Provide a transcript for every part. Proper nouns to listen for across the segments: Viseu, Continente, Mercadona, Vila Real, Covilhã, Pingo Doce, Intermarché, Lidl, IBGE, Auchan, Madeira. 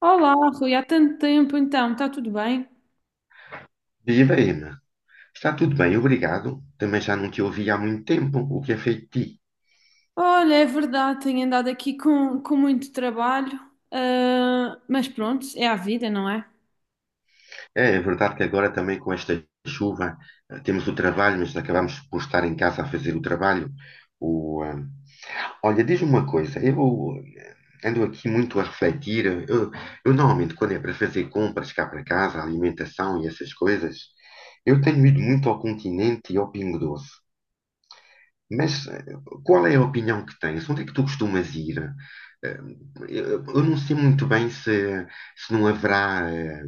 Olá, Rui, há tanto tempo então, está tudo bem? Viva, Emma. Está tudo bem, obrigado. Também já não te ouvi há muito tempo. O que é feito de ti? Olha, é verdade, tenho andado aqui com muito trabalho, mas pronto, é a vida, não é? É verdade que agora também com esta chuva temos o trabalho, mas acabamos por estar em casa a fazer o trabalho. O, ah, Olha, diz-me uma coisa. Eu ando aqui muito a refletir. Eu normalmente quando é para fazer compras cá para casa, alimentação e essas coisas, eu tenho ido muito ao Continente e ao Pingo Doce. Mas qual é a opinião que tens? Onde é que tu costumas ir? Eh, eu não sei muito bem se não haverá eh,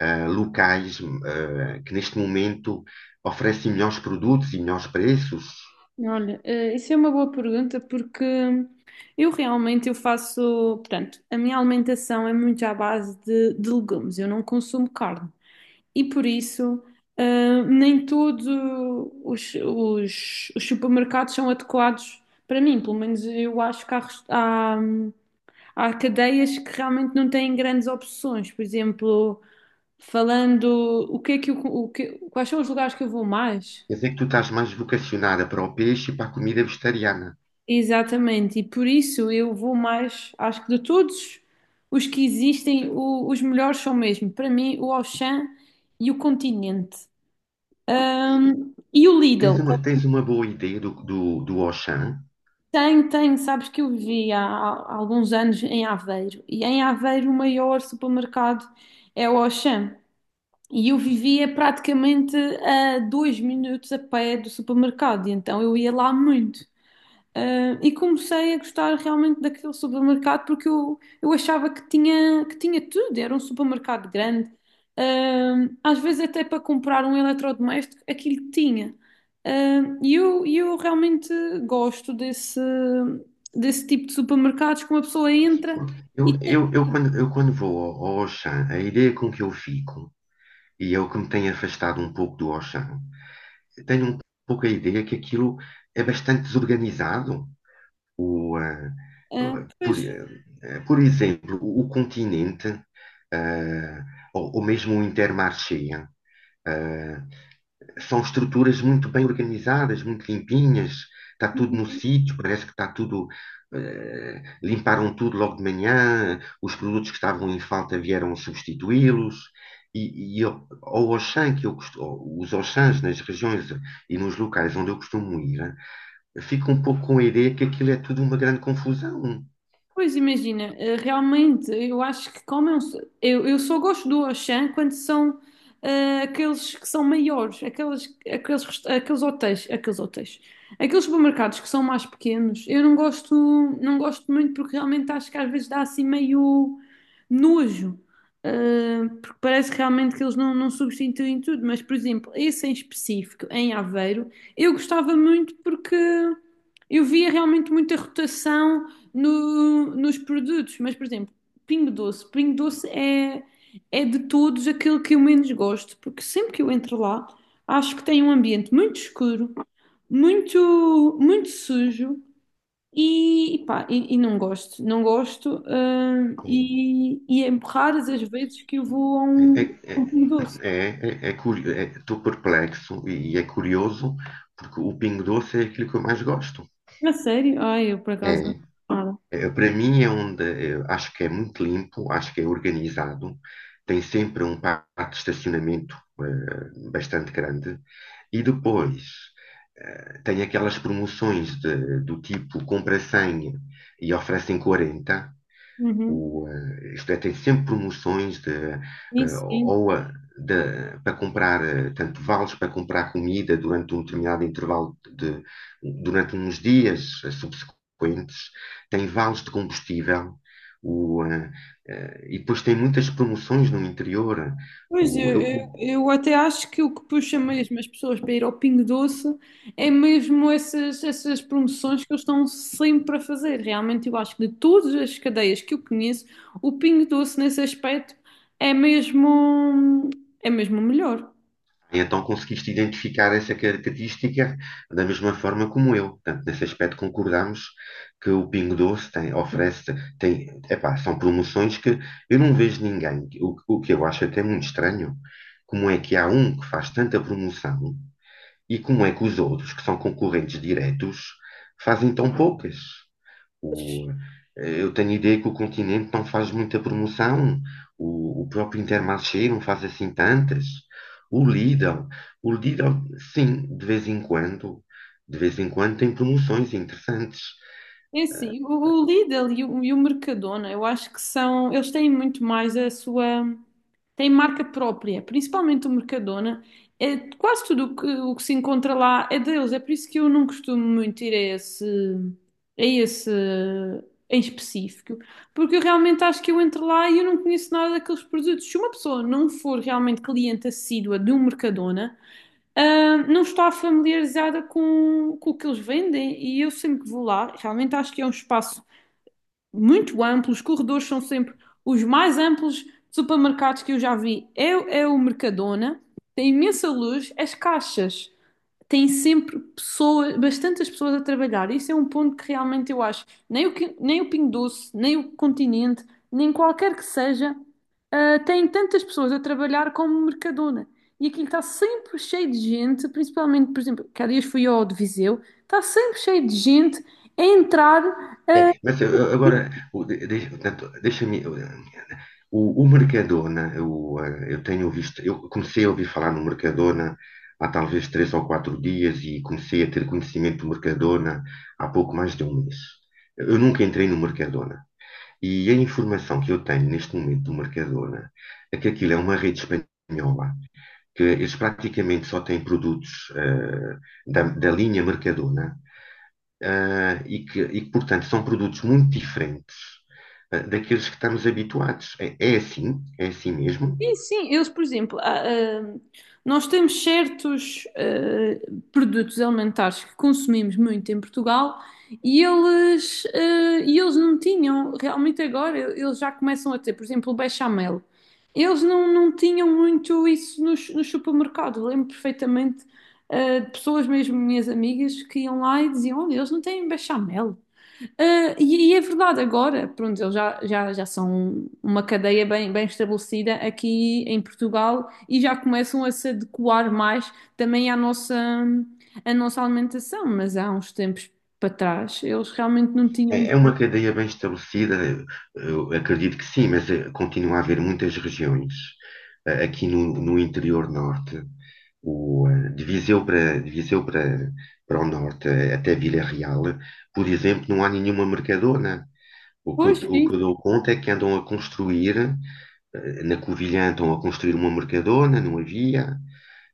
eh, locais que neste momento oferecem melhores produtos e melhores preços. Olha, isso é uma boa pergunta porque eu realmente eu faço, portanto, a minha alimentação é muito à base de legumes, eu não consumo carne e por isso nem todos os supermercados são adequados para mim, pelo menos eu acho que há, há há cadeias que realmente não têm grandes opções. Por exemplo, falando o que é que eu, quais são os lugares que eu vou mais? Quer dizer que tu estás mais vocacionada para o peixe e para a comida vegetariana. Exatamente, e por isso eu vou mais, acho que de todos os que existem, os melhores são mesmo, para mim, o Auchan e o Continente. E o Lidl, Tens uma boa ideia do, do, do Auchan? Tem, sabes que eu vivi há alguns anos em Aveiro, e em Aveiro o maior supermercado é o Auchan. E eu vivia praticamente a dois minutos a pé do supermercado, e então eu ia lá muito. E comecei a gostar realmente daquele supermercado porque eu achava que que tinha tudo, era um supermercado grande. Às vezes até para comprar um eletrodoméstico, aquilo tinha. Ah, e eu realmente gosto desse tipo de supermercados que uma pessoa entra Eu, e tem. eu, eu, quando, eu quando vou ao Auchan, a ideia com que eu fico, e é o que me tem afastado um pouco do Auchan. Eu tenho um pouco a ideia que aquilo é bastante desorganizado. O, ah, Ah, ah, pois, por, ah, Por exemplo, o Continente, ah, ou mesmo o Intermarché, ah, são estruturas muito bem organizadas, muito limpinhas, está tudo no sítio, parece que está tudo. Limparam tudo logo de manhã, os produtos que estavam em falta vieram substituí-los. E eu, ao Auchan, ou os Auchans nas regiões e nos locais onde eu costumo ir, fico um pouco com a ideia que aquilo é tudo uma grande confusão. Pois imagina, realmente eu acho que como é um eu só gosto do Auchan quando são aqueles que são maiores, aqueles hotéis, aqueles supermercados que são mais pequenos, eu não gosto, não gosto muito porque realmente acho que às vezes dá assim meio nojo, porque parece realmente que eles não substituem tudo, mas por exemplo, esse em específico, em Aveiro, eu gostava muito porque eu via realmente muita rotação nos produtos, mas por exemplo, Pingo Doce. Pingo Doce é, é de todos aquele que eu menos gosto, porque sempre que eu entro lá, acho que tem um ambiente muito escuro, muito sujo e pá, e não gosto, não gosto. hum, Sim. e, e é raras as vezes que eu vou É, é, a um Pingo Doce. é, Estou perplexo e é curioso, porque o Pingo Doce é aquilo que eu mais gosto. A sério? Ai, eu por É. acaso não gosto nada. Para mim é onde acho que é muito limpo, acho que é organizado, tem sempre um pátio de estacionamento bastante grande e depois tem aquelas promoções de- do tipo compra 100 e oferecem 40. Uhum. Isto é, tem sempre promoções de, eh, Isso. ou a- da- para comprar, tanto vales para comprar comida durante um determinado intervalo de, durante uns dias subsequentes, tem vales de combustível, o, eh, e depois tem muitas promoções no interior. Pois, O, eu, eu, eu, eu até acho que o que puxa mesmo as pessoas para ir ao Pingo Doce é mesmo essas promoções que eles estão sempre a fazer. Realmente, eu acho que de todas as cadeias que eu conheço, o Pingo Doce nesse aspecto é mesmo, é mesmo o melhor. E então conseguiste identificar essa característica da mesma forma como eu. Portanto, nesse aspecto concordamos que o Pingo Doce tem, oferece, tem, epá, são promoções que eu não vejo ninguém. O que eu acho até muito estranho, como é que há um que faz tanta promoção e como é que os outros, que são concorrentes diretos, fazem tão poucas. O, eu tenho a ideia que o Continente não faz muita promoção, o próprio Intermarché não faz assim tantas. O Lidl, o Lidl, sim, de vez em quando tem promoções interessantes. É assim, o Lidl e o Mercadona, eu acho que são, eles têm muito mais a sua, têm marca própria, principalmente o Mercadona. É, quase tudo o que se encontra lá é deles, é por isso que eu não costumo muito ir a esse em específico, porque eu realmente acho que eu entro lá e eu não conheço nada daqueles produtos. Se uma pessoa não for realmente cliente assídua de um Mercadona, não está familiarizada com o que eles vendem e eu sempre que vou lá, realmente acho que é um espaço muito amplo, os corredores são sempre os mais amplos supermercados que eu já vi. É, é o Mercadona, tem imensa luz, as caixas tem sempre pessoas, bastantes pessoas a trabalhar. Isso é um ponto que realmente eu acho. Nem nem o Pingo Doce, nem o Continente, nem qualquer que seja, tem tantas pessoas a trabalhar como o Mercadona. E aquilo está sempre cheio de gente, principalmente, por exemplo, que há dias fui ao de Viseu, está sempre cheio de gente a entrar. É, mas agora, portanto, deixa-me. O Mercadona, eu tenho visto, eu comecei a ouvir falar no Mercadona há talvez três ou quatro dias e comecei a ter conhecimento do Mercadona há pouco mais de um mês. Eu nunca entrei no Mercadona. E a informação que eu tenho neste momento do Mercadona é que aquilo é uma rede espanhola, que eles praticamente só têm produtos da linha Mercadona. E, e que, portanto, são produtos muito diferentes daqueles que estamos habituados. É, é assim mesmo. Sim, sim, eles, por exemplo, há, nós temos certos produtos alimentares que consumimos muito em Portugal e eles, e eles não tinham, realmente agora eles já começam a ter, por exemplo, o bechamel. Eles não tinham muito isso nos supermercados. Eu lembro perfeitamente de pessoas, mesmo minhas amigas, que iam lá e diziam: Olha, eles não têm bechamel. E é verdade, agora, pronto, eles já são uma cadeia bem estabelecida aqui em Portugal e já começam a se adequar mais também à nossa alimentação, mas há uns tempos para trás eles realmente não tinham. É, é uma cadeia bem estabelecida, eu acredito que sim, mas continua a haver muitas regiões aqui no interior norte, de Viseu para o norte, até Vila Real, por exemplo, não há nenhuma Mercadona. Pois, O que eu isso, dou conta é que andam a construir. Na Covilhã estão a construir uma Mercadona, não havia.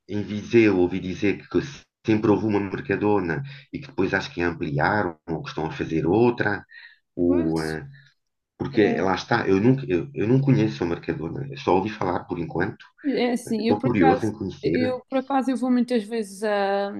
Em Viseu ouvi dizer que sempre houve uma Mercadona e que depois acho que ampliaram ou que estão a fazer outra. O, pois. eh, Porque lá está, eu nunca, eu não conheço a Mercadona, só ouvi falar por enquanto. É assim, eu Estou por curioso acaso, em conhecer. eu por acaso eu vou muitas vezes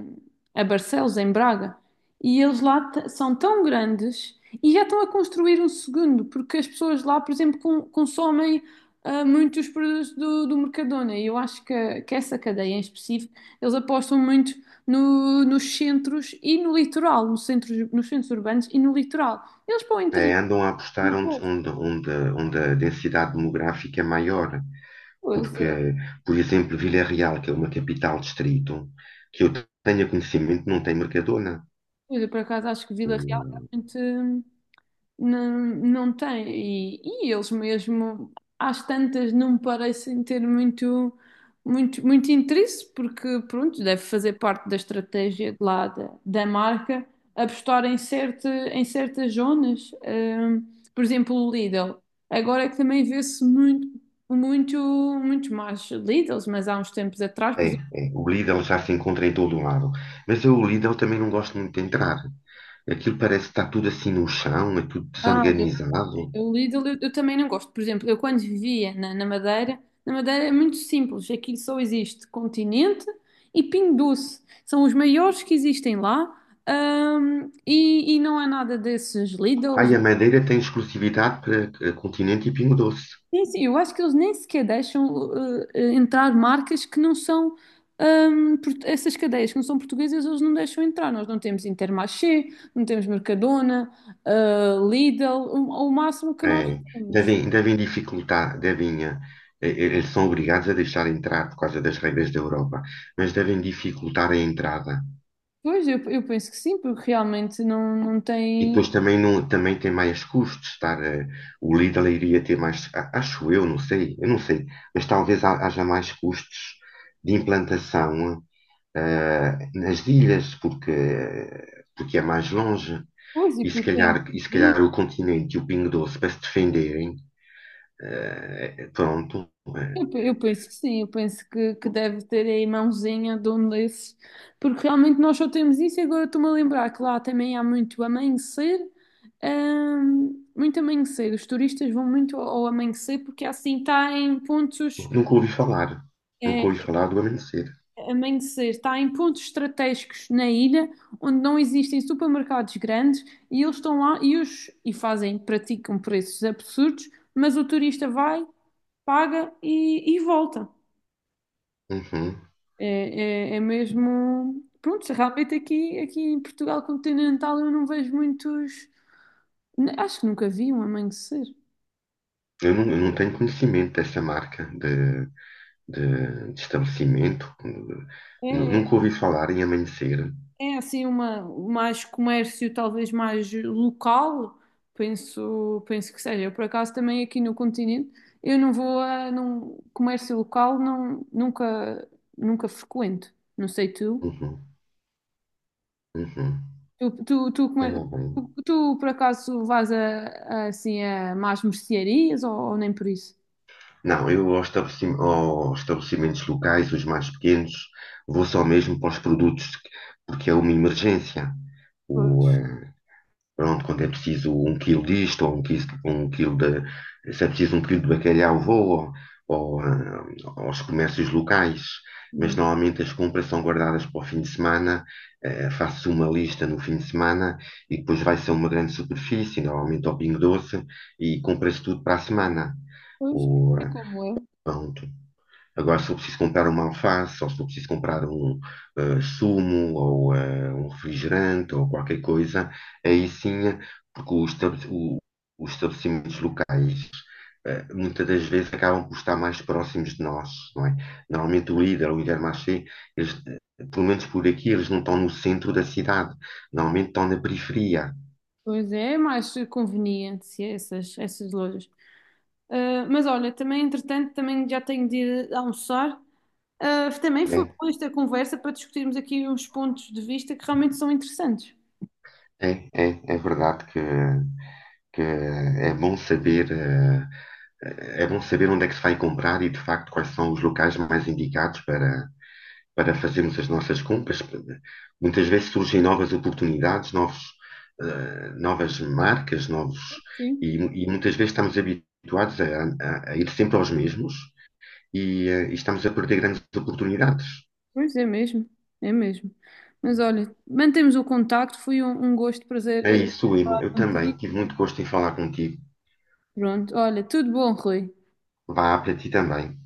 a Barcelos, em Braga, e eles lá são tão grandes e já estão a construir um segundo, porque as pessoas lá, por exemplo, consomem muitos produtos do Mercadona. E eu acho que essa cadeia em específico, eles apostam muito nos centros e no litoral, nos centros urbanos e no litoral. Eles para o interior, Andam a não apostar onde, pouco. onde, onde, onde a densidade demográfica é maior, Pois é. porque, por exemplo, Vila Real, que é uma capital distrito, que eu tenha conhecimento, não tem Mercadona. Pois, eu por acaso acho que O, Vila Real é realmente. Hum. Não, não tem. E, e eles mesmo, às tantas, não parecem ter muito, muito interesse, porque, pronto, deve fazer parte da estratégia de lá da marca apostar em, certa, em certas zonas. Por exemplo, o Lidl. Agora é que também vê-se muito, muito, muito mais Lidls, mas há uns tempos atrás, por é, exemplo, o Lidl já se encontra em todo o lado. Mas eu, o Lidl também não gosto muito de entrar. Aquilo parece que está tudo assim no chão, é tudo desorganizado. o Lidl eu também não gosto. Por exemplo, eu quando vivia na Madeira é muito simples. Aqui só existe Continente e Pingo Doce. São os maiores que existem lá. E não há nada desses Ah, e Lidls. a Madeira tem exclusividade para Continente e Pingo Doce. Sim, sim, eu acho que eles nem sequer deixam entrar marcas que não são. Essas cadeias que não são portuguesas, eles não deixam entrar. Nós não temos Intermarché, não temos Mercadona, Lidl. O máximo que nós É, temos. devem dificultar, eles são obrigados a deixar entrar por causa das regras da Europa, mas devem dificultar a entrada. Pois, eu penso que sim, porque realmente não, não E tem depois também, não, também tem mais custos estar, o Lidl iria ter mais, acho eu não sei, mas talvez haja mais custos de implantação, nas ilhas, porque, é mais longe. coisa, e E se porque tem. calhar, e se calhar o Continente e o Pingo Doce para se defenderem, pronto. eh, Eu penso que sim, eu penso que deve ter aí mãozinha de um desses, porque realmente nós só temos isso. E agora estou-me a lembrar que lá também há muito amanhecer, muito amanhecer. Os turistas vão muito ao amanhecer porque assim está em pontos. Nunca ouvi falar. Nunca eh, ouvi falar do amanhecer. Amanhecer está em pontos estratégicos na ilha onde não existem supermercados grandes e eles estão lá e fazem, praticam preços absurdos, mas o turista vai, paga e volta. Uhum. É, é mesmo. Pronto, realmente aqui, aqui em Portugal continental eu não vejo muitos. Acho que nunca vi um amanhecer. Eu não eu não tenho conhecimento dessa marca de estabelecimento. Nunca É. ouvi falar em amanhecer. É assim uma mais comércio talvez mais local, penso, penso que seja. Eu por acaso também aqui no continente, eu não vou a num comércio local, não, nunca frequento. Não sei tu. Uhum. Uhum. Tu tu, tu, Tá come- bem. Tu, por acaso vais assim a mais mercearias ou nem por isso? Não, eu aos aos estabelecimentos locais, os mais pequenos, vou só mesmo para os produtos, porque é uma emergência. Pois. eh, Pronto, quando é preciso um quilo disto, ou um quilo de, se é preciso um quilo de bacalhau, vou ou, ah, aos comércios locais. Mas normalmente as compras são guardadas para o fim de semana, faço uma lista no fim de semana e depois vai-se a uma grande superfície, normalmente ao Pingo Doce, e compra-se tudo para a semana. Pois, Ou, é eh, como eu. pronto. Agora, se eu preciso comprar uma alface, ou se eu preciso comprar um sumo, ou um refrigerante, ou qualquer coisa, aí sim, porque os estabelecimentos locais muitas das vezes acabam por estar mais próximos de nós, não é? Normalmente o Lidl, o Intermarché, eles, pelo menos por aqui, eles não estão no centro da cidade, normalmente estão na periferia, Pois é, é mais conveniente essas lojas. Mas olha, também entretanto também já tenho de ir almoçar. Também foi né? boa esta conversa para discutirmos aqui uns pontos de vista que realmente são interessantes. É verdade que é bom saber, é bom saber onde é que se vai comprar e, de facto, quais são os locais mais indicados para para fazermos as nossas compras. Muitas vezes surgem novas oportunidades, novos, novas marcas, novos, Sim. E muitas vezes estamos habituados a ir sempre aos mesmos e estamos a perder grandes oportunidades. Pois é mesmo, é mesmo. Mas olha, mantemos o contacto, foi um, um gosto, É prazer, isso, Ima. falar Eu também contigo. tive muito gosto em falar contigo. Pronto, olha, tudo bom, Rui. Vá para ti também.